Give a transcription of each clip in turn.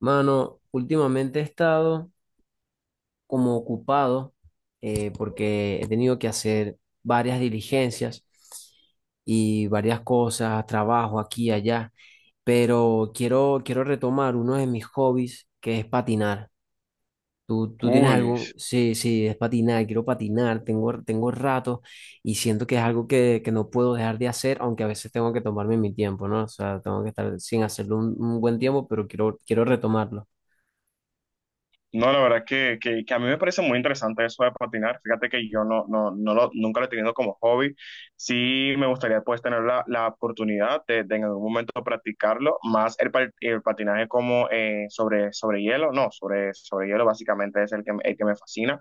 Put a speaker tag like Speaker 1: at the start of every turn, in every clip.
Speaker 1: Mano, últimamente he estado como ocupado porque he tenido que hacer varias diligencias y varias cosas, trabajo aquí y allá, pero quiero retomar uno de mis hobbies, que es patinar. ¿Tú tienes
Speaker 2: Uy,
Speaker 1: algo? Sí, sí, es patinar, quiero patinar, tengo rato y siento que es algo que no puedo dejar de hacer, aunque a veces tengo que tomarme mi tiempo, ¿no? O sea, tengo que estar sin hacerlo un buen tiempo, pero quiero retomarlo.
Speaker 2: no, la verdad que a mí me parece muy interesante eso de patinar. Fíjate que yo nunca lo he tenido como hobby. Sí me gustaría pues tener la oportunidad de en algún momento practicarlo, más el patinaje como sobre hielo, no, sobre hielo básicamente es el el que me fascina.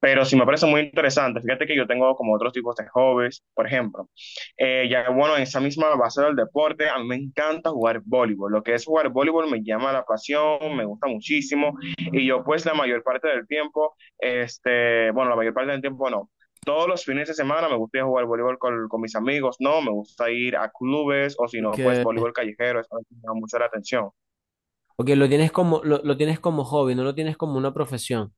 Speaker 2: Pero sí me parece muy interesante. Fíjate que yo tengo como otros tipos de hobbies, por ejemplo. Ya bueno, en esa misma base del deporte, a mí me encanta jugar voleibol. Lo que es jugar voleibol me llama la pasión, me gusta muchísimo. Y yo pues la mayor parte del tiempo, bueno, la mayor parte del tiempo no. Todos los fines de semana me gusta ir a jugar voleibol con mis amigos, no, me gusta ir a clubes o si
Speaker 1: Ok.
Speaker 2: no, pues voleibol callejero, eso me llama mucho la atención.
Speaker 1: Porque lo tienes como, lo tienes como hobby, no lo tienes como una profesión.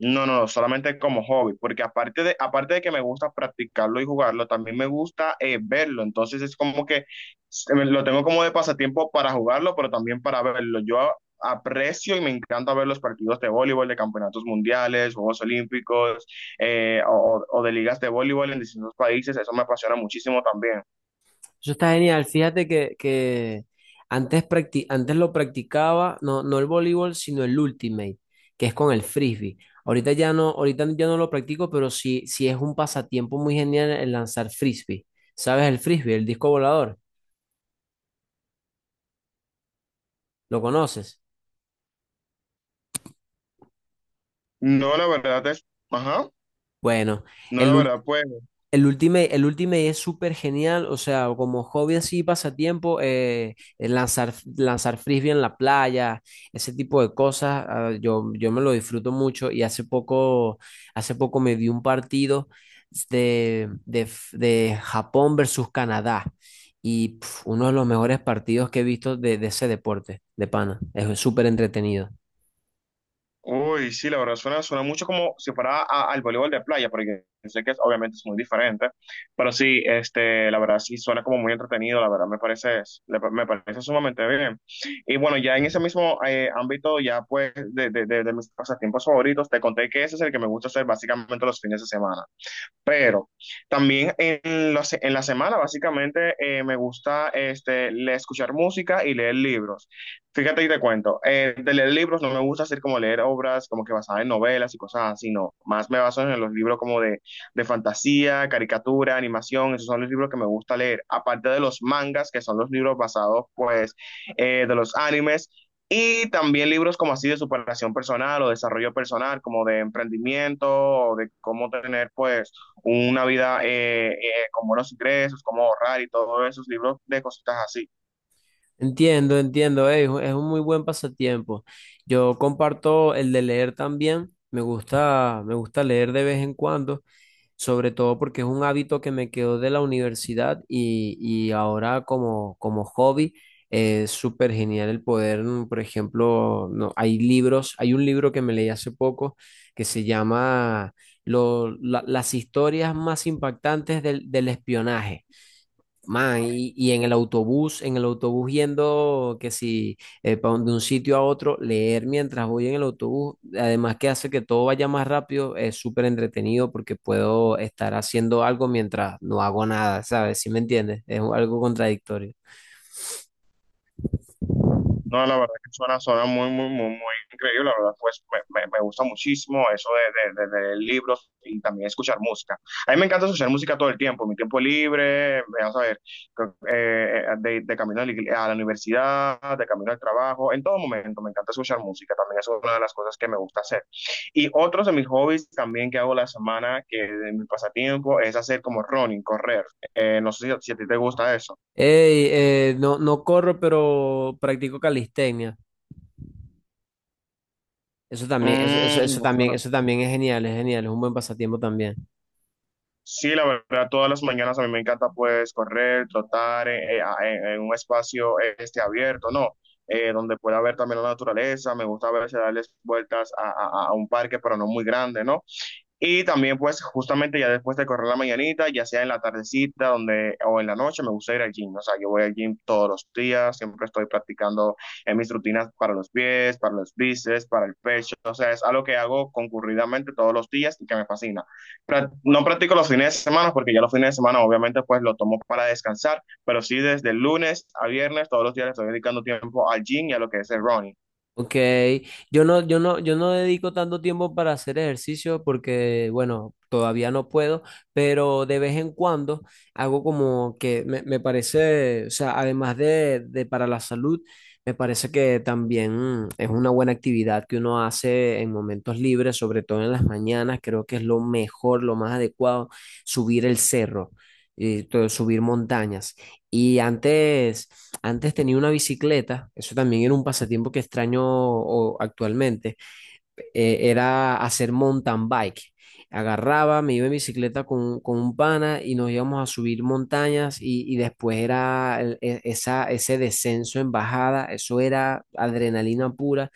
Speaker 2: No, no, solamente como hobby, porque aparte de que me gusta practicarlo y jugarlo, también me gusta verlo. Entonces es como que lo tengo como de pasatiempo para jugarlo, pero también para verlo. Aprecio y me encanta ver los partidos de voleibol, de campeonatos mundiales, Juegos Olímpicos, o de ligas de voleibol en distintos países. Eso me apasiona muchísimo también.
Speaker 1: Eso está genial. Fíjate que antes, antes lo practicaba, no, no el voleibol, sino el ultimate, que es con el frisbee. Ahorita ya no lo practico, pero sí, sí es un pasatiempo muy genial el lanzar frisbee. ¿Sabes el frisbee, el disco volador? ¿Lo conoces?
Speaker 2: No, la verdad es, ajá,
Speaker 1: Bueno,
Speaker 2: no,
Speaker 1: el
Speaker 2: la
Speaker 1: ul-
Speaker 2: verdad, pues.
Speaker 1: el Ultimate, el Ultimate es súper genial, o sea, como hobby así, pasatiempo, lanzar, lanzar frisbee en la playa, ese tipo de cosas, ah, yo me lo disfruto mucho y hace poco me vi un partido de Japón versus Canadá y pf, uno de los mejores partidos que he visto de ese deporte, de pana, es súper entretenido.
Speaker 2: Uy, sí, la verdad suena, suena mucho como si fuera al voleibol de playa, porque yo sé que obviamente es muy diferente, pero sí, la verdad sí suena como muy entretenido, la verdad me parece, me parece sumamente bien. Y bueno, ya en ese mismo ámbito, ya pues de mis pasatiempos favoritos, te conté que ese es el que me gusta hacer básicamente los fines de semana. Pero también en la semana, básicamente, me gusta escuchar música y leer libros. Fíjate y te cuento, de leer libros no me gusta hacer como leer obras como que basadas en novelas y cosas así, no. Más me baso en los libros como de fantasía, caricatura, animación, esos son los libros que me gusta leer. Aparte de los mangas, que son los libros basados, pues, de los animes. Y también libros como así de superación personal o desarrollo personal, como de emprendimiento o de cómo tener, pues, una vida con buenos ingresos, cómo ahorrar y todos esos libros de cositas así.
Speaker 1: Entiendo, entiendo, es un muy buen pasatiempo. Yo comparto el de leer también. Me gusta leer de vez en cuando, sobre todo porque es un hábito que me quedó de la universidad y ahora como, como hobby es súper genial el poder, mm, por ejemplo, no, hay libros, hay un libro que me leí hace poco que se llama Las historias más impactantes del espionaje. Man, y en el autobús yendo, que si pa' de un sitio a otro, leer mientras voy en el autobús, además que hace que todo vaya más rápido, es súper entretenido porque puedo estar haciendo algo mientras no hago nada, ¿sabes? ¿Sí me entiendes? Algo contradictorio.
Speaker 2: No, la verdad que suena, suena muy, muy, muy, muy increíble. La verdad, pues me gusta muchísimo eso de leer libros y también escuchar música. A mí me encanta escuchar música todo el tiempo, en mi tiempo libre, vas a ver, creo que, de camino a a la universidad, de camino al trabajo, en todo momento me encanta escuchar música. También es una de las cosas que me gusta hacer. Y otros de mis hobbies también que hago la semana, que de mi pasatiempo, es hacer como running, correr. No sé si a ti te gusta eso.
Speaker 1: Ey, no, no corro, pero practico calistenia. Eso también, eso,
Speaker 2: No suena
Speaker 1: eso también es genial, es genial, es un buen pasatiempo también.
Speaker 2: sí, la verdad, todas las mañanas a mí me encanta pues correr, trotar en un espacio abierto, ¿no? Donde pueda ver también la naturaleza, me gusta a veces darles vueltas a un parque, pero no muy grande, ¿no? Y también, pues, justamente ya después de correr la mañanita, ya sea en la tardecita donde, o en la noche, me gusta ir al gym. O sea, yo voy al gym todos los días, siempre estoy practicando en mis rutinas para los pies, para los bíceps, para el pecho. O sea, es algo que hago concurridamente todos los días y que me fascina. No practico los fines de semana porque ya los fines de semana, obviamente, pues, lo tomo para descansar, pero sí desde el lunes a viernes, todos los días le estoy dedicando tiempo al gym y a lo que es el running.
Speaker 1: Ok, yo no, yo no, yo no dedico tanto tiempo para hacer ejercicio porque, bueno, todavía no puedo, pero de vez en cuando hago como que me parece, o sea, además de para la salud, me parece que también es una buena actividad que uno hace en momentos libres, sobre todo en las mañanas, creo que es lo mejor, lo más adecuado, subir el cerro, subir montañas. Y antes... Antes tenía una bicicleta, eso también era un pasatiempo que extraño actualmente, era hacer mountain bike. Agarraba, me iba en bicicleta con un pana y nos íbamos a subir montañas y después era esa, ese descenso en bajada, eso era adrenalina pura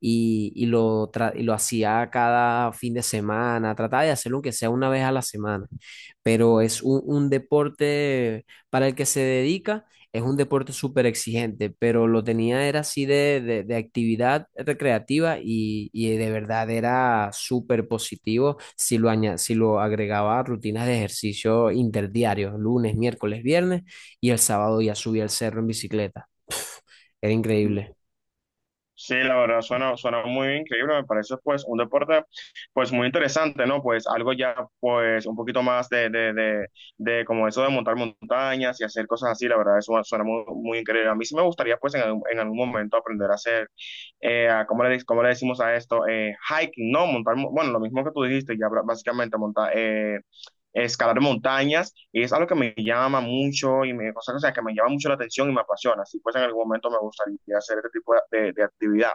Speaker 1: y, y lo hacía cada fin de semana, trataba de hacerlo aunque sea una vez a la semana, pero es un deporte para el que se dedica, es un deporte súper exigente, pero lo tenía era así de, de actividad recreativa y de verdad era súper positivo si lo, si lo agregaba a rutinas de ejercicio interdiarios, lunes, miércoles, viernes, y el sábado ya subía al cerro en bicicleta. Era increíble.
Speaker 2: Sí, la verdad suena, suena muy increíble, me parece pues un deporte pues muy interesante, ¿no? Pues algo ya pues un poquito más de como eso de montar montañas y hacer cosas así, la verdad eso suena muy, muy increíble. A mí sí me gustaría pues en algún momento aprender a hacer, ¿cómo cómo le decimos a esto? Hiking, ¿no? Bueno, lo mismo que tú dijiste, básicamente montar, escalar montañas y es algo que me llama mucho y me, o sea, que me llama mucho la atención y me apasiona. Así pues en algún momento me gustaría hacer este tipo de actividad.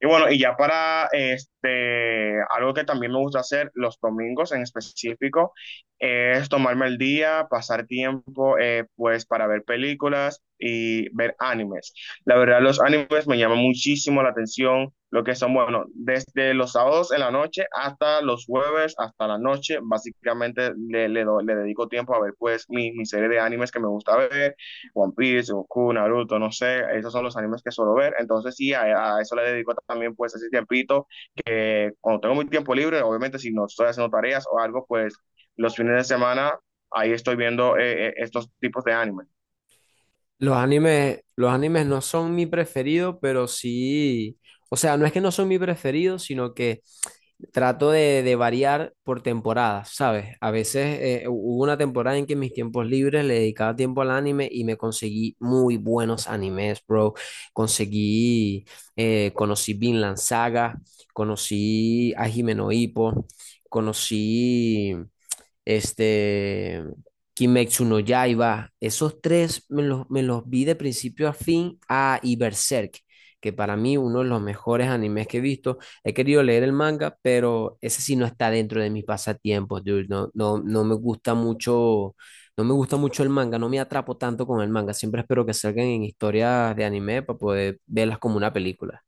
Speaker 2: Y bueno, y ya para este, algo que también me gusta hacer los domingos en específico es tomarme el día, pasar tiempo pues para ver películas y ver animes. La verdad, los animes me llaman muchísimo la atención, lo que son, bueno, desde los sábados en la noche hasta los jueves, hasta la noche, básicamente le dedico tiempo a ver pues mi serie de animes que me gusta ver, One Piece, Goku, Naruto, no sé, esos son los animes que suelo ver, entonces sí, a eso le dedico también pues ese tiempito, que cuando tengo mi tiempo libre, obviamente si no estoy haciendo tareas o algo, pues los fines de semana ahí estoy viendo estos tipos de animes.
Speaker 1: Los animes no son mi preferido, pero sí, o sea, no es que no son mi preferido, sino que... Trato de variar por temporadas, ¿sabes? A veces hubo una temporada en que en mis tiempos libres le dedicaba tiempo al anime y me conseguí muy buenos animes, bro. Conseguí, conocí Vinland Saga, conocí a Himeno Hippo, conocí este, Kimetsu no Yaiba, esos tres me los vi de principio a fin, a y Berserk, que para mí uno de los mejores animes que he visto. He querido leer el manga, pero ese sí no está dentro de mis pasatiempos, dude. No, no, no me gusta mucho, no me gusta mucho el manga, no me atrapo tanto con el manga. Siempre espero que salgan en historias de anime para poder verlas como una película.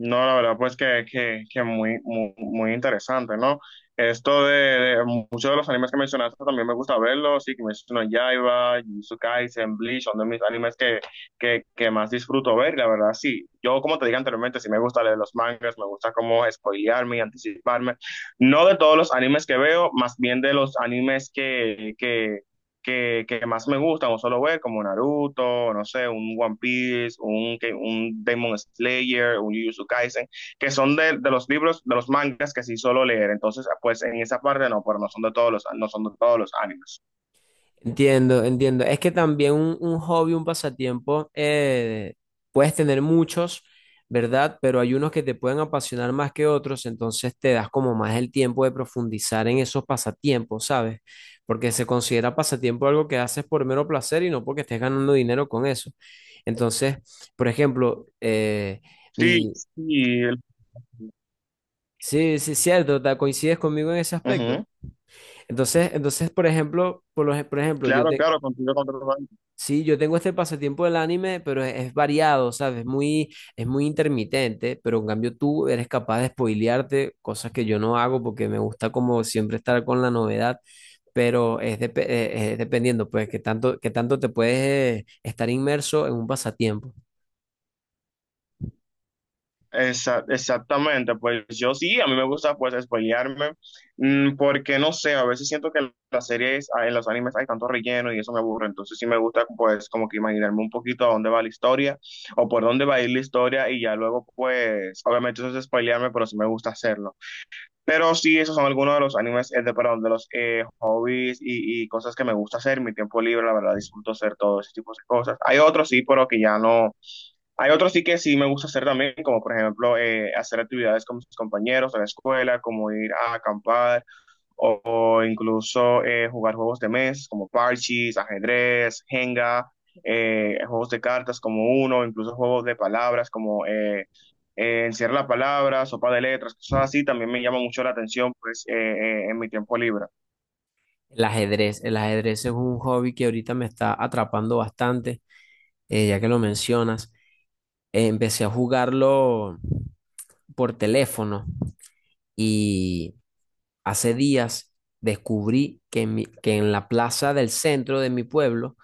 Speaker 2: No, la verdad, pues que muy, muy, muy interesante, ¿no? Esto de muchos de los animes que mencionaste también me gusta verlos, sí, que menciono Yaiba, Jujutsu Kaisen, Bleach, son de mis animes que más disfruto ver, y la verdad, sí. Yo, como te dije anteriormente, sí me gusta leer los mangas, me gusta como spoilearme y anticiparme. No de todos los animes que veo, más bien de los animes que más me gustan o solo ver, como Naruto, no sé, un One Piece, un Demon Slayer, un Jujutsu Kaisen, que son de los libros, de los mangas que sí solo leer. Entonces, pues en esa parte no, pero no son de todos los, no son de todos los animes.
Speaker 1: Entiendo, entiendo. Es que también un hobby, un pasatiempo, puedes tener muchos, ¿verdad? Pero hay unos que te pueden apasionar más que otros, entonces te das como más el tiempo de profundizar en esos pasatiempos, ¿sabes? Porque se considera pasatiempo algo que haces por mero placer y no porque estés ganando dinero con eso. Entonces, por ejemplo,
Speaker 2: Sí,
Speaker 1: mi...
Speaker 2: sí, el-
Speaker 1: Sí, sí, cierto, coincides conmigo en ese aspecto.
Speaker 2: Ujú.
Speaker 1: Entonces, entonces, por ejemplo, por ejemplo, yo,
Speaker 2: Claro,
Speaker 1: te,
Speaker 2: claro, contigo,
Speaker 1: sí, yo tengo este pasatiempo del anime, pero es variado, ¿sabes? Es muy intermitente, pero en cambio tú eres capaz de spoilearte, cosas que yo no hago porque me gusta como siempre estar con la novedad, pero es, es dependiendo, pues, qué tanto te puedes estar inmerso en un pasatiempo.
Speaker 2: Exactamente, pues yo sí, a mí me gusta pues spoilearme, porque no sé, a veces siento que en las series, ah, en los animes hay tanto relleno y eso me aburre, entonces sí me gusta pues como que imaginarme un poquito a dónde va la historia o por dónde va a ir la historia y ya luego pues, obviamente eso es spoilearme, pero sí me gusta hacerlo. Pero sí, esos son algunos de los animes, perdón, de los hobbies y cosas que me gusta hacer, en mi tiempo libre, la verdad disfruto hacer todo ese tipo de cosas. Hay otros sí, pero que ya no hay otros sí que sí me gusta hacer también, como por ejemplo hacer actividades con mis compañeros de la escuela, como ir a acampar o incluso jugar juegos de mesa como parches, ajedrez, Jenga, juegos de cartas como uno, incluso juegos de palabras como encierra la palabra, sopa de letras, cosas así, también me llama mucho la atención pues en mi tiempo libre.
Speaker 1: El ajedrez es un hobby que ahorita me está atrapando bastante, ya que lo mencionas. Empecé a jugarlo por teléfono. Hace días descubrí que que en la plaza del centro de mi pueblo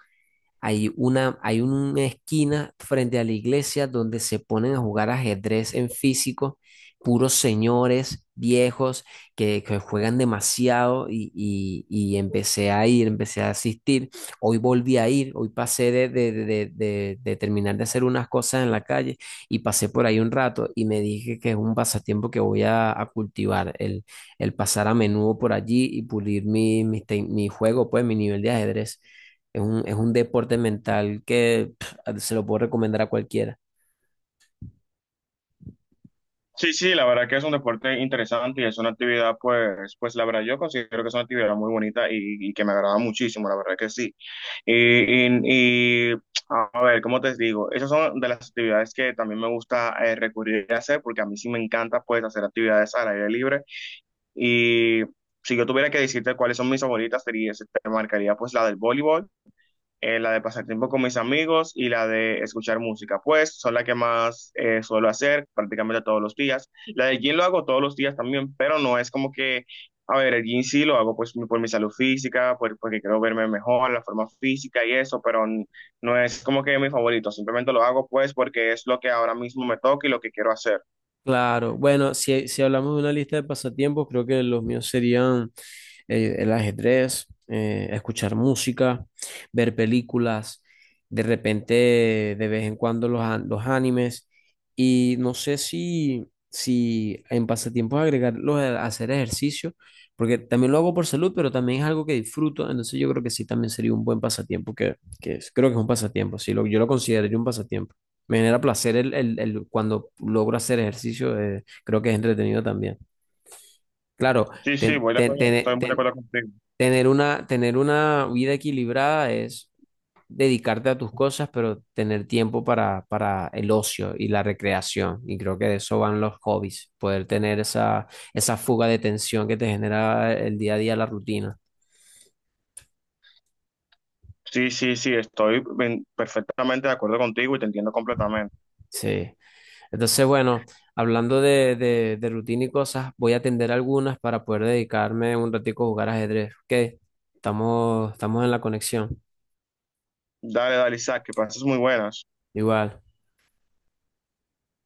Speaker 1: hay una esquina frente a la iglesia donde se ponen a jugar ajedrez en físico, puros señores viejos que juegan demasiado y, y empecé a ir, empecé a asistir. Hoy volví a ir, hoy pasé de, de terminar de hacer unas cosas en la calle y pasé por ahí un rato y me dije que es un pasatiempo que voy a cultivar, el pasar a menudo por allí y pulir mi, mi juego, pues mi nivel de ajedrez. Es un deporte mental que pf, se lo puedo recomendar a cualquiera.
Speaker 2: Sí, sí, la verdad que es un deporte interesante y es una actividad, pues, pues la verdad yo considero que es una actividad muy bonita y que me agrada muchísimo, la verdad que sí. Y, y a ver, ¿cómo te digo? Esas son de las actividades que también me gusta recurrir a hacer porque a mí sí me encanta, pues, hacer actividades al aire libre. Y si yo tuviera que decirte cuáles son mis favoritas, sería, te marcaría, pues, la del voleibol la de pasar tiempo con mis amigos y la de escuchar música. Pues son las que más suelo hacer prácticamente todos los días. La del gym lo hago todos los días también, pero no es como que, a ver, el gym sí lo hago pues por mi salud física, porque quiero verme mejor, la forma física y eso, pero no es como que mi favorito. Simplemente lo hago pues porque es lo que ahora mismo me toca y lo que quiero hacer.
Speaker 1: Claro, bueno, si, si hablamos de una lista de pasatiempos, creo que los míos serían el ajedrez, escuchar música, ver películas, de repente, de vez en cuando los animes, y no sé si, si en pasatiempos agregar los de hacer ejercicio, porque también lo hago por salud, pero también es algo que disfruto, entonces yo creo que sí, también sería un buen pasatiempo, que, creo que es un pasatiempo, sí, lo, yo lo consideraría un pasatiempo. Me genera placer cuando logro hacer ejercicio, creo que es entretenido también. Claro,
Speaker 2: Sí, sí,
Speaker 1: ten-
Speaker 2: voy de
Speaker 1: ten-
Speaker 2: acuerdo, estoy
Speaker 1: ten-
Speaker 2: muy de
Speaker 1: ten-
Speaker 2: acuerdo contigo.
Speaker 1: tener una vida equilibrada es dedicarte a tus cosas, pero tener tiempo para el ocio y la recreación. Y creo que de eso van los hobbies, poder tener esa, esa fuga de tensión que te genera el día a día la rutina.
Speaker 2: Sí, sí, sí, estoy perfectamente de acuerdo contigo y te entiendo completamente.
Speaker 1: Sí. Entonces, bueno, hablando de rutina y cosas, voy a atender algunas para poder dedicarme un ratico a jugar ajedrez. Ok, estamos, estamos en la conexión.
Speaker 2: Dale, dale, Isaac, que pases muy buenas.
Speaker 1: Igual.